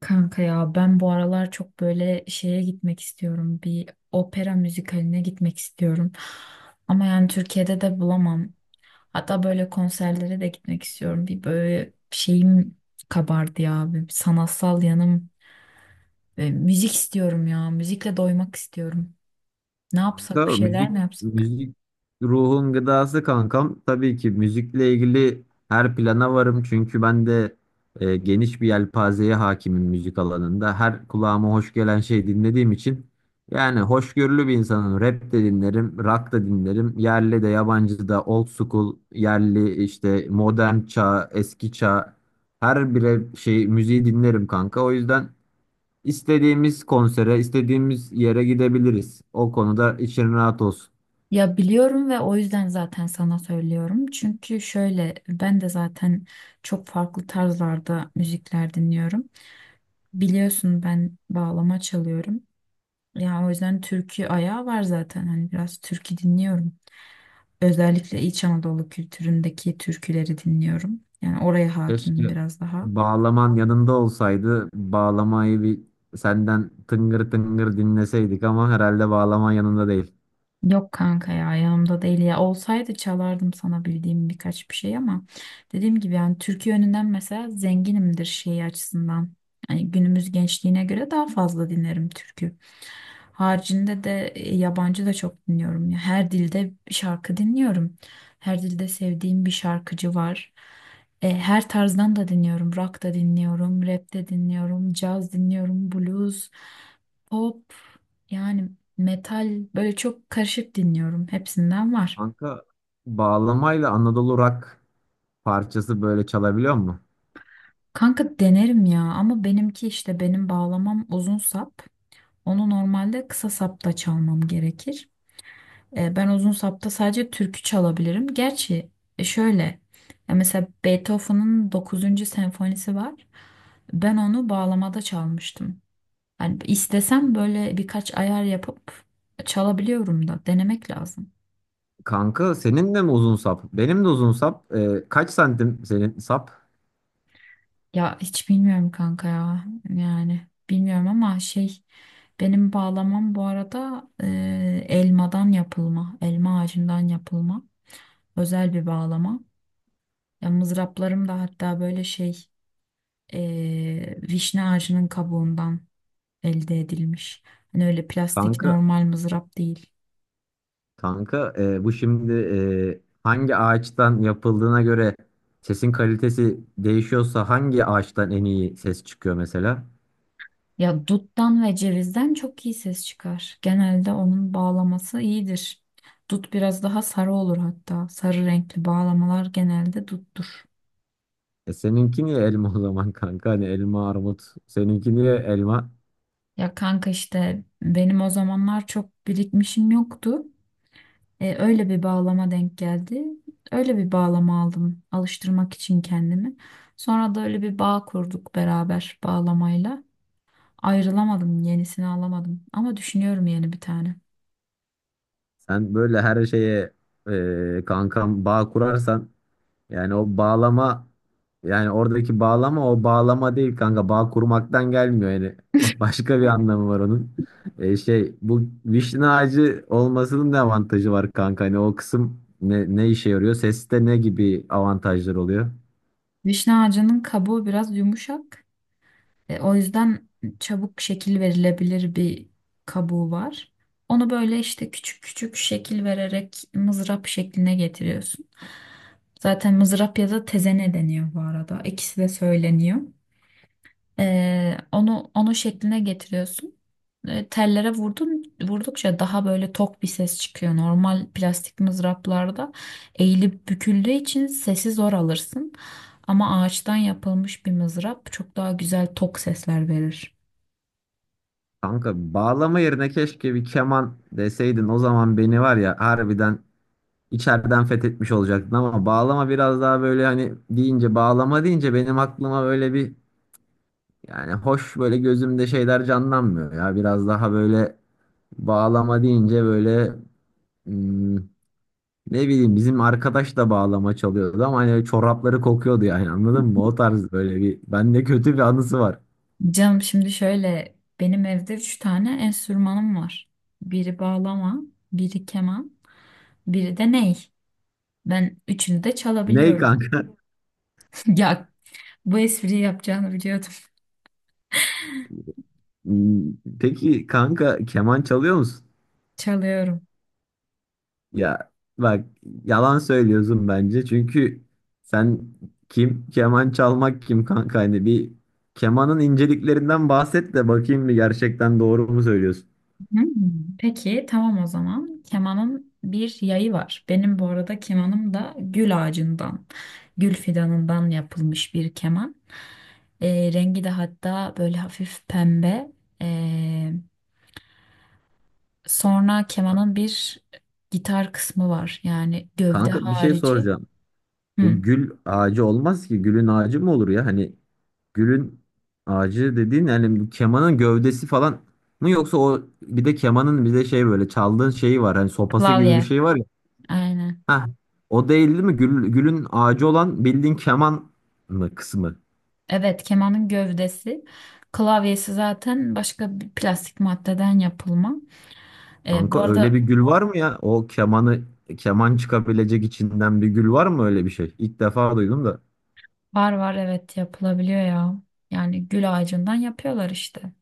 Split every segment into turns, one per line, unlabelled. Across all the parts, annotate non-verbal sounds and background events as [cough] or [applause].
Kanka ya ben bu aralar çok böyle şeye gitmek istiyorum. Bir opera müzikaline gitmek istiyorum. Ama yani Türkiye'de de bulamam. Hatta böyle konserlere de gitmek istiyorum. Bir böyle şeyim kabardı ya. Bir sanatsal yanım. Ve müzik istiyorum ya. Müzikle doymak istiyorum. Ne
Kanka,
yapsak bir şeyler
müzik
mi yapsak?
müzik ruhun gıdası kankam. Tabii ki müzikle ilgili her plana varım çünkü ben de geniş bir yelpazeye hakimim müzik alanında. Her kulağıma hoş gelen şey dinlediğim için yani hoşgörülü bir insanım. Rap de dinlerim, rock da dinlerim. Yerli de yabancı da old school, yerli işte modern çağ, eski çağ her bire şey müziği dinlerim kanka. O yüzden İstediğimiz konsere, istediğimiz yere gidebiliriz. O konuda için rahat olsun.
Ya biliyorum ve o yüzden zaten sana söylüyorum. Çünkü şöyle ben de zaten çok farklı tarzlarda müzikler dinliyorum. Biliyorsun ben bağlama çalıyorum. Ya o yüzden türkü ayağı var zaten. Hani biraz türkü dinliyorum. Özellikle İç Anadolu kültüründeki türküleri dinliyorum. Yani oraya
Keşke
hakimim biraz daha.
bağlaman yanında olsaydı. Bağlamayı bir senden tıngır tıngır dinleseydik ama herhalde bağlaman yanında değil.
Yok kanka ya yanımda değil ya olsaydı çalardım sana bildiğim birkaç bir şey ama dediğim gibi yani Türkiye yönünden mesela zenginimdir şey açısından. Yani günümüz gençliğine göre daha fazla dinlerim türkü. Haricinde de yabancı da çok dinliyorum ya. Her dilde bir şarkı dinliyorum. Her dilde sevdiğim bir şarkıcı var. Her tarzdan da dinliyorum. Rock da dinliyorum, rap de dinliyorum, caz dinliyorum, blues, pop, yani metal, böyle çok karışık dinliyorum. Hepsinden var.
Kanka, bağlamayla Anadolu Rock parçası böyle çalabiliyor mu?
Kanka denerim ya ama benimki işte benim bağlamam uzun sap. Onu normalde kısa sapta çalmam gerekir. Ben uzun sapta sadece türkü çalabilirim. Gerçi e, şöyle mesela Beethoven'ın 9. senfonisi var. Ben onu bağlamada çalmıştım. Yani istesem böyle birkaç ayar yapıp çalabiliyorum da denemek lazım.
Kanka, senin de mi uzun sap? Benim de uzun sap. Kaç santim senin sap?
Ya hiç bilmiyorum kanka ya. Yani bilmiyorum ama şey, benim bağlamam bu arada elmadan yapılma. Elma ağacından yapılma. Özel bir bağlama. Ya mızraplarım da hatta böyle şey, vişne ağacının kabuğundan elde edilmiş. Hani öyle plastik
Kanka
normal mızrap değil.
Kanka, bu şimdi hangi ağaçtan yapıldığına göre sesin kalitesi değişiyorsa hangi ağaçtan en iyi ses çıkıyor mesela?
Ya duttan ve cevizden çok iyi ses çıkar. Genelde onun bağlaması iyidir. Dut biraz daha sarı olur hatta. Sarı renkli bağlamalar genelde duttur.
Seninki niye elma o zaman kanka? Hani elma armut. Seninki niye elma?
Ya kanka işte benim o zamanlar çok birikmişim yoktu. Öyle bir bağlama denk geldi. Öyle bir bağlama aldım alıştırmak için kendimi. Sonra da öyle bir bağ kurduk beraber bağlamayla. Ayrılamadım, yenisini alamadım ama düşünüyorum yeni bir tane.
Sen böyle her şeye kankam bağ kurarsan. Yani o bağlama Yani oradaki bağlama o bağlama değil kanka. Bağ kurmaktan gelmiyor yani. [laughs] O başka bir anlamı var onun. E, şey, bu vişne ağacı olmasının ne avantajı var kanka? Hani o kısım ne, ne işe yarıyor? Seste ne gibi avantajlar oluyor?
Vişne ağacının kabuğu biraz yumuşak. O yüzden çabuk şekil verilebilir bir kabuğu var. Onu böyle işte küçük küçük şekil vererek mızrap şekline getiriyorsun. Zaten mızrap ya da tezene deniyor bu arada. İkisi de söyleniyor. Onu şekline getiriyorsun. Tellere vurdun, vurdukça daha böyle tok bir ses çıkıyor. Normal plastik mızraplarda eğilip büküldüğü için sesi zor alırsın. Ama ağaçtan yapılmış bir mızrap çok daha güzel tok sesler verir.
Kanka, bağlama yerine keşke bir keman deseydin, o zaman beni var ya harbiden içeriden fethetmiş olacaktın ama bağlama biraz daha böyle hani deyince, bağlama deyince benim aklıma böyle bir, yani hoş böyle gözümde şeyler canlanmıyor ya. Biraz daha böyle bağlama deyince böyle, hmm, ne bileyim, bizim arkadaş da bağlama çalıyordu ama hani çorapları kokuyordu, yani anladın mı? O tarz böyle bir, bende kötü bir anısı var.
Canım şimdi şöyle, benim evde üç tane enstrümanım var. Biri bağlama, biri keman, biri de ney. Ben üçünü de
Ney
çalabiliyorum.
kanka? [laughs]
[laughs] Ya bu espriyi yapacağını biliyordum.
Hmm. Peki kanka, keman çalıyor musun?
Çalıyorum.
Ya bak, yalan söylüyorsun bence çünkü sen, kim keman çalmak kim kanka, hani bir kemanın inceliklerinden bahset de bakayım bir, gerçekten doğru mu söylüyorsun?
Hmm. Peki tamam o zaman. Kemanın bir yayı var. Benim bu arada kemanım da gül ağacından, gül fidanından yapılmış bir keman. Rengi de hatta böyle hafif pembe. Ee, sonra kemanın bir gitar kısmı var. Yani gövde
Kanka, bir şey
harici.
soracağım. Bu
Hmm,
gül ağacı olmaz ki. Gülün ağacı mı olur ya? Hani gülün ağacı dediğin, yani bu kemanın gövdesi falan mı, yoksa o bir de kemanın bir de şey böyle çaldığın şeyi var. Hani sopası gibi bir
klavye.
şey var ya.
Aynen.
Heh, o değil değil mi? Gül, gülün ağacı olan bildiğin keman mı kısmı?
Evet, kemanın gövdesi. Klavyesi zaten başka bir plastik maddeden yapılma. Bu
Kanka, öyle bir
arada
gül var mı ya? O kemanı, keman çıkabilecek içinden bir gül var mı, öyle bir şey? İlk defa duydum da.
Var var, evet, yapılabiliyor ya. Yani gül ağacından yapıyorlar işte.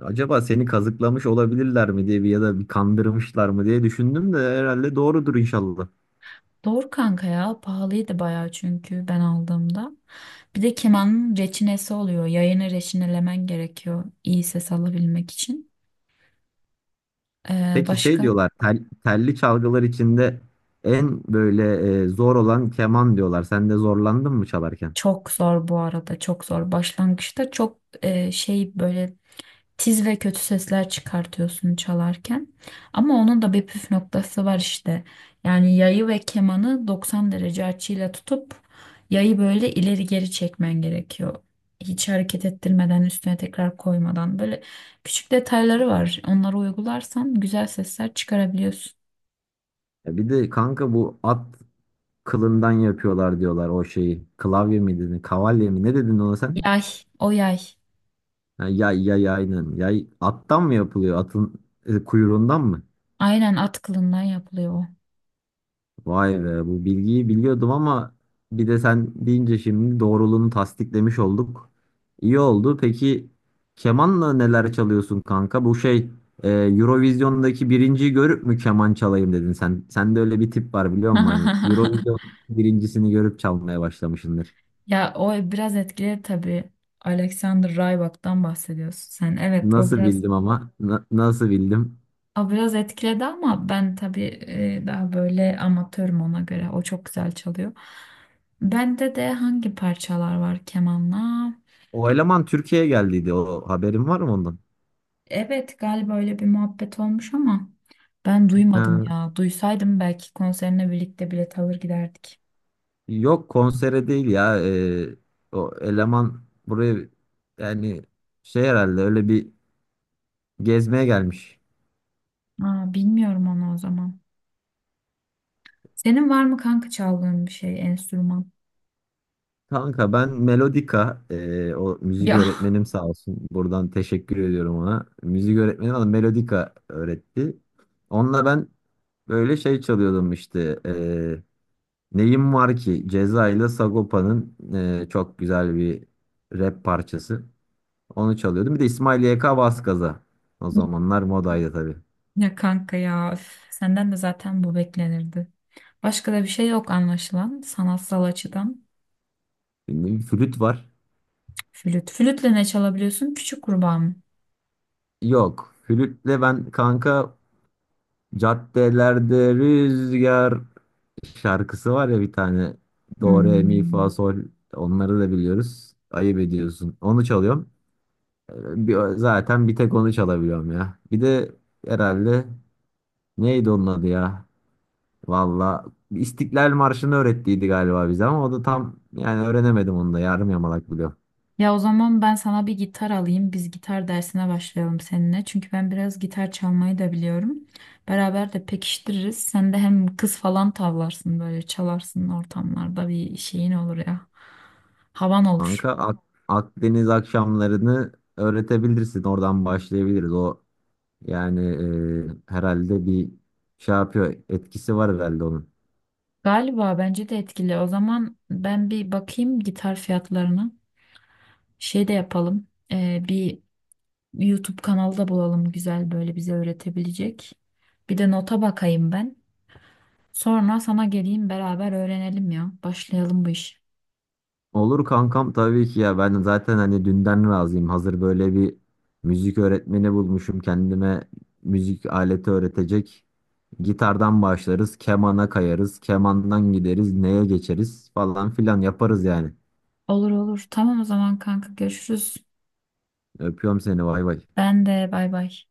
Acaba seni kazıklamış olabilirler mi diye bir, ya da bir kandırmışlar mı diye düşündüm de herhalde doğrudur inşallah.
Doğru kanka ya, pahalıydı bayağı çünkü ben aldığımda. Bir de kemanın reçinesi oluyor. Yayını reçinelemen gerekiyor iyi ses alabilmek için.
Peki şey
Başka?
diyorlar, telli çalgılar içinde en böyle zor olan keman diyorlar. Sen de zorlandın mı çalarken?
Çok zor bu arada, çok zor. Başlangıçta çok şey, böyle tiz ve kötü sesler çıkartıyorsun çalarken. Ama onun da bir püf noktası var işte. Yani yayı ve kemanı 90 derece açıyla tutup yayı böyle ileri geri çekmen gerekiyor. Hiç hareket ettirmeden, üstüne tekrar koymadan, böyle küçük detayları var. Onları uygularsan güzel sesler çıkarabiliyorsun.
Ya bir de kanka, bu at kılından yapıyorlar diyorlar o şeyi. Klavye mi dedin? Kavalye mi? Ne dedin ona sen?
Yay, o yay.
Ha, yay yay aynen. Yay attan mı yapılıyor? Atın kuyruğundan mı?
Aynen, at kılından yapılıyor o.
Vay be, bu bilgiyi biliyordum ama bir de sen deyince şimdi doğruluğunu tasdiklemiş olduk. İyi oldu. Peki kemanla neler çalıyorsun kanka? Bu şey, Eurovision'daki birinciyi görüp mü keman çalayım dedin sen? Sende öyle bir tip var biliyor musun? Hani
[laughs]
Eurovision birincisini görüp çalmaya başlamışsındır.
Ya o biraz etkili tabii. Alexander Rybak'tan bahsediyorsun sen. Evet o
Nasıl
biraz.
bildim ama? Nasıl bildim?
O biraz etkiledi ama ben tabii daha böyle amatörüm ona göre. O çok güzel çalıyor. Bende de hangi parçalar var kemanla?
O eleman Türkiye'ye geldiydi. O haberin var mı ondan?
Evet galiba öyle bir muhabbet olmuş ama ben duymadım
Ha.
ya. Duysaydım belki konserine birlikte bilet alır giderdik.
Yok, konsere değil ya. O eleman buraya, yani şey, herhalde öyle bir gezmeye gelmiş.
Aa, bilmiyorum onu o zaman. Senin var mı kanka çaldığın bir şey, enstrüman?
Kanka ben Melodika, o müzik
Ya
öğretmenim sağ olsun. Buradan teşekkür ediyorum ona. Müzik öğretmenim bana Melodika öğretti. Onunla ben böyle şey çalıyordum işte. Neyim Var Ki Ceza ile Sagopa'nın çok güzel bir rap parçası. Onu çalıyordum. Bir de İsmail YK Vaskaza. O zamanlar modaydı tabii.
[laughs] ya kanka ya, üf, senden de zaten bu beklenirdi. Başka da bir şey yok anlaşılan sanatsal açıdan.
Bilmiyorum, Flüt var.
Flüt. Flütle ne çalabiliyorsun? Küçük kurbağa mı?
Yok. Flütle ben kanka, caddelerde rüzgar şarkısı var ya bir tane. Do, re, mi, fa,
Hmm.
sol. Onları da biliyoruz. Ayıp ediyorsun. Onu çalıyorum. Zaten bir tek onu çalabiliyorum ya. Bir de herhalde neydi onun adı ya? Valla İstiklal Marşı'nı öğrettiydi galiba bize ama o da tam yani öğrenemedim, onu da yarım yamalak biliyorum.
Ya o zaman ben sana bir gitar alayım. Biz gitar dersine başlayalım seninle. Çünkü ben biraz gitar çalmayı da biliyorum. Beraber de pekiştiririz. Sen de hem kız falan tavlarsın, böyle çalarsın ortamlarda, bir şeyin olur ya. Havan
Kanka,
olur.
Akdeniz akşamlarını öğretebilirsin. Oradan başlayabiliriz. O yani, herhalde bir şey yapıyor. Etkisi var herhalde onun.
Galiba bence de etkili. O zaman ben bir bakayım gitar fiyatlarına. Şey de yapalım. Bir YouTube kanalı da bulalım güzel böyle bize öğretebilecek. Bir de nota bakayım ben. Sonra sana geleyim, beraber öğrenelim ya. Başlayalım bu iş.
Olur kankam, tabii ki ya. Ben zaten hani dünden razıyım. Hazır böyle bir müzik öğretmeni bulmuşum kendime, müzik aleti öğretecek. Gitardan başlarız. Kemana kayarız. Kemandan gideriz. Neye geçeriz falan filan yaparız yani.
Olur olur. Tamam o zaman kanka, görüşürüz.
Öpüyorum seni. Vay vay.
Ben de bay bay.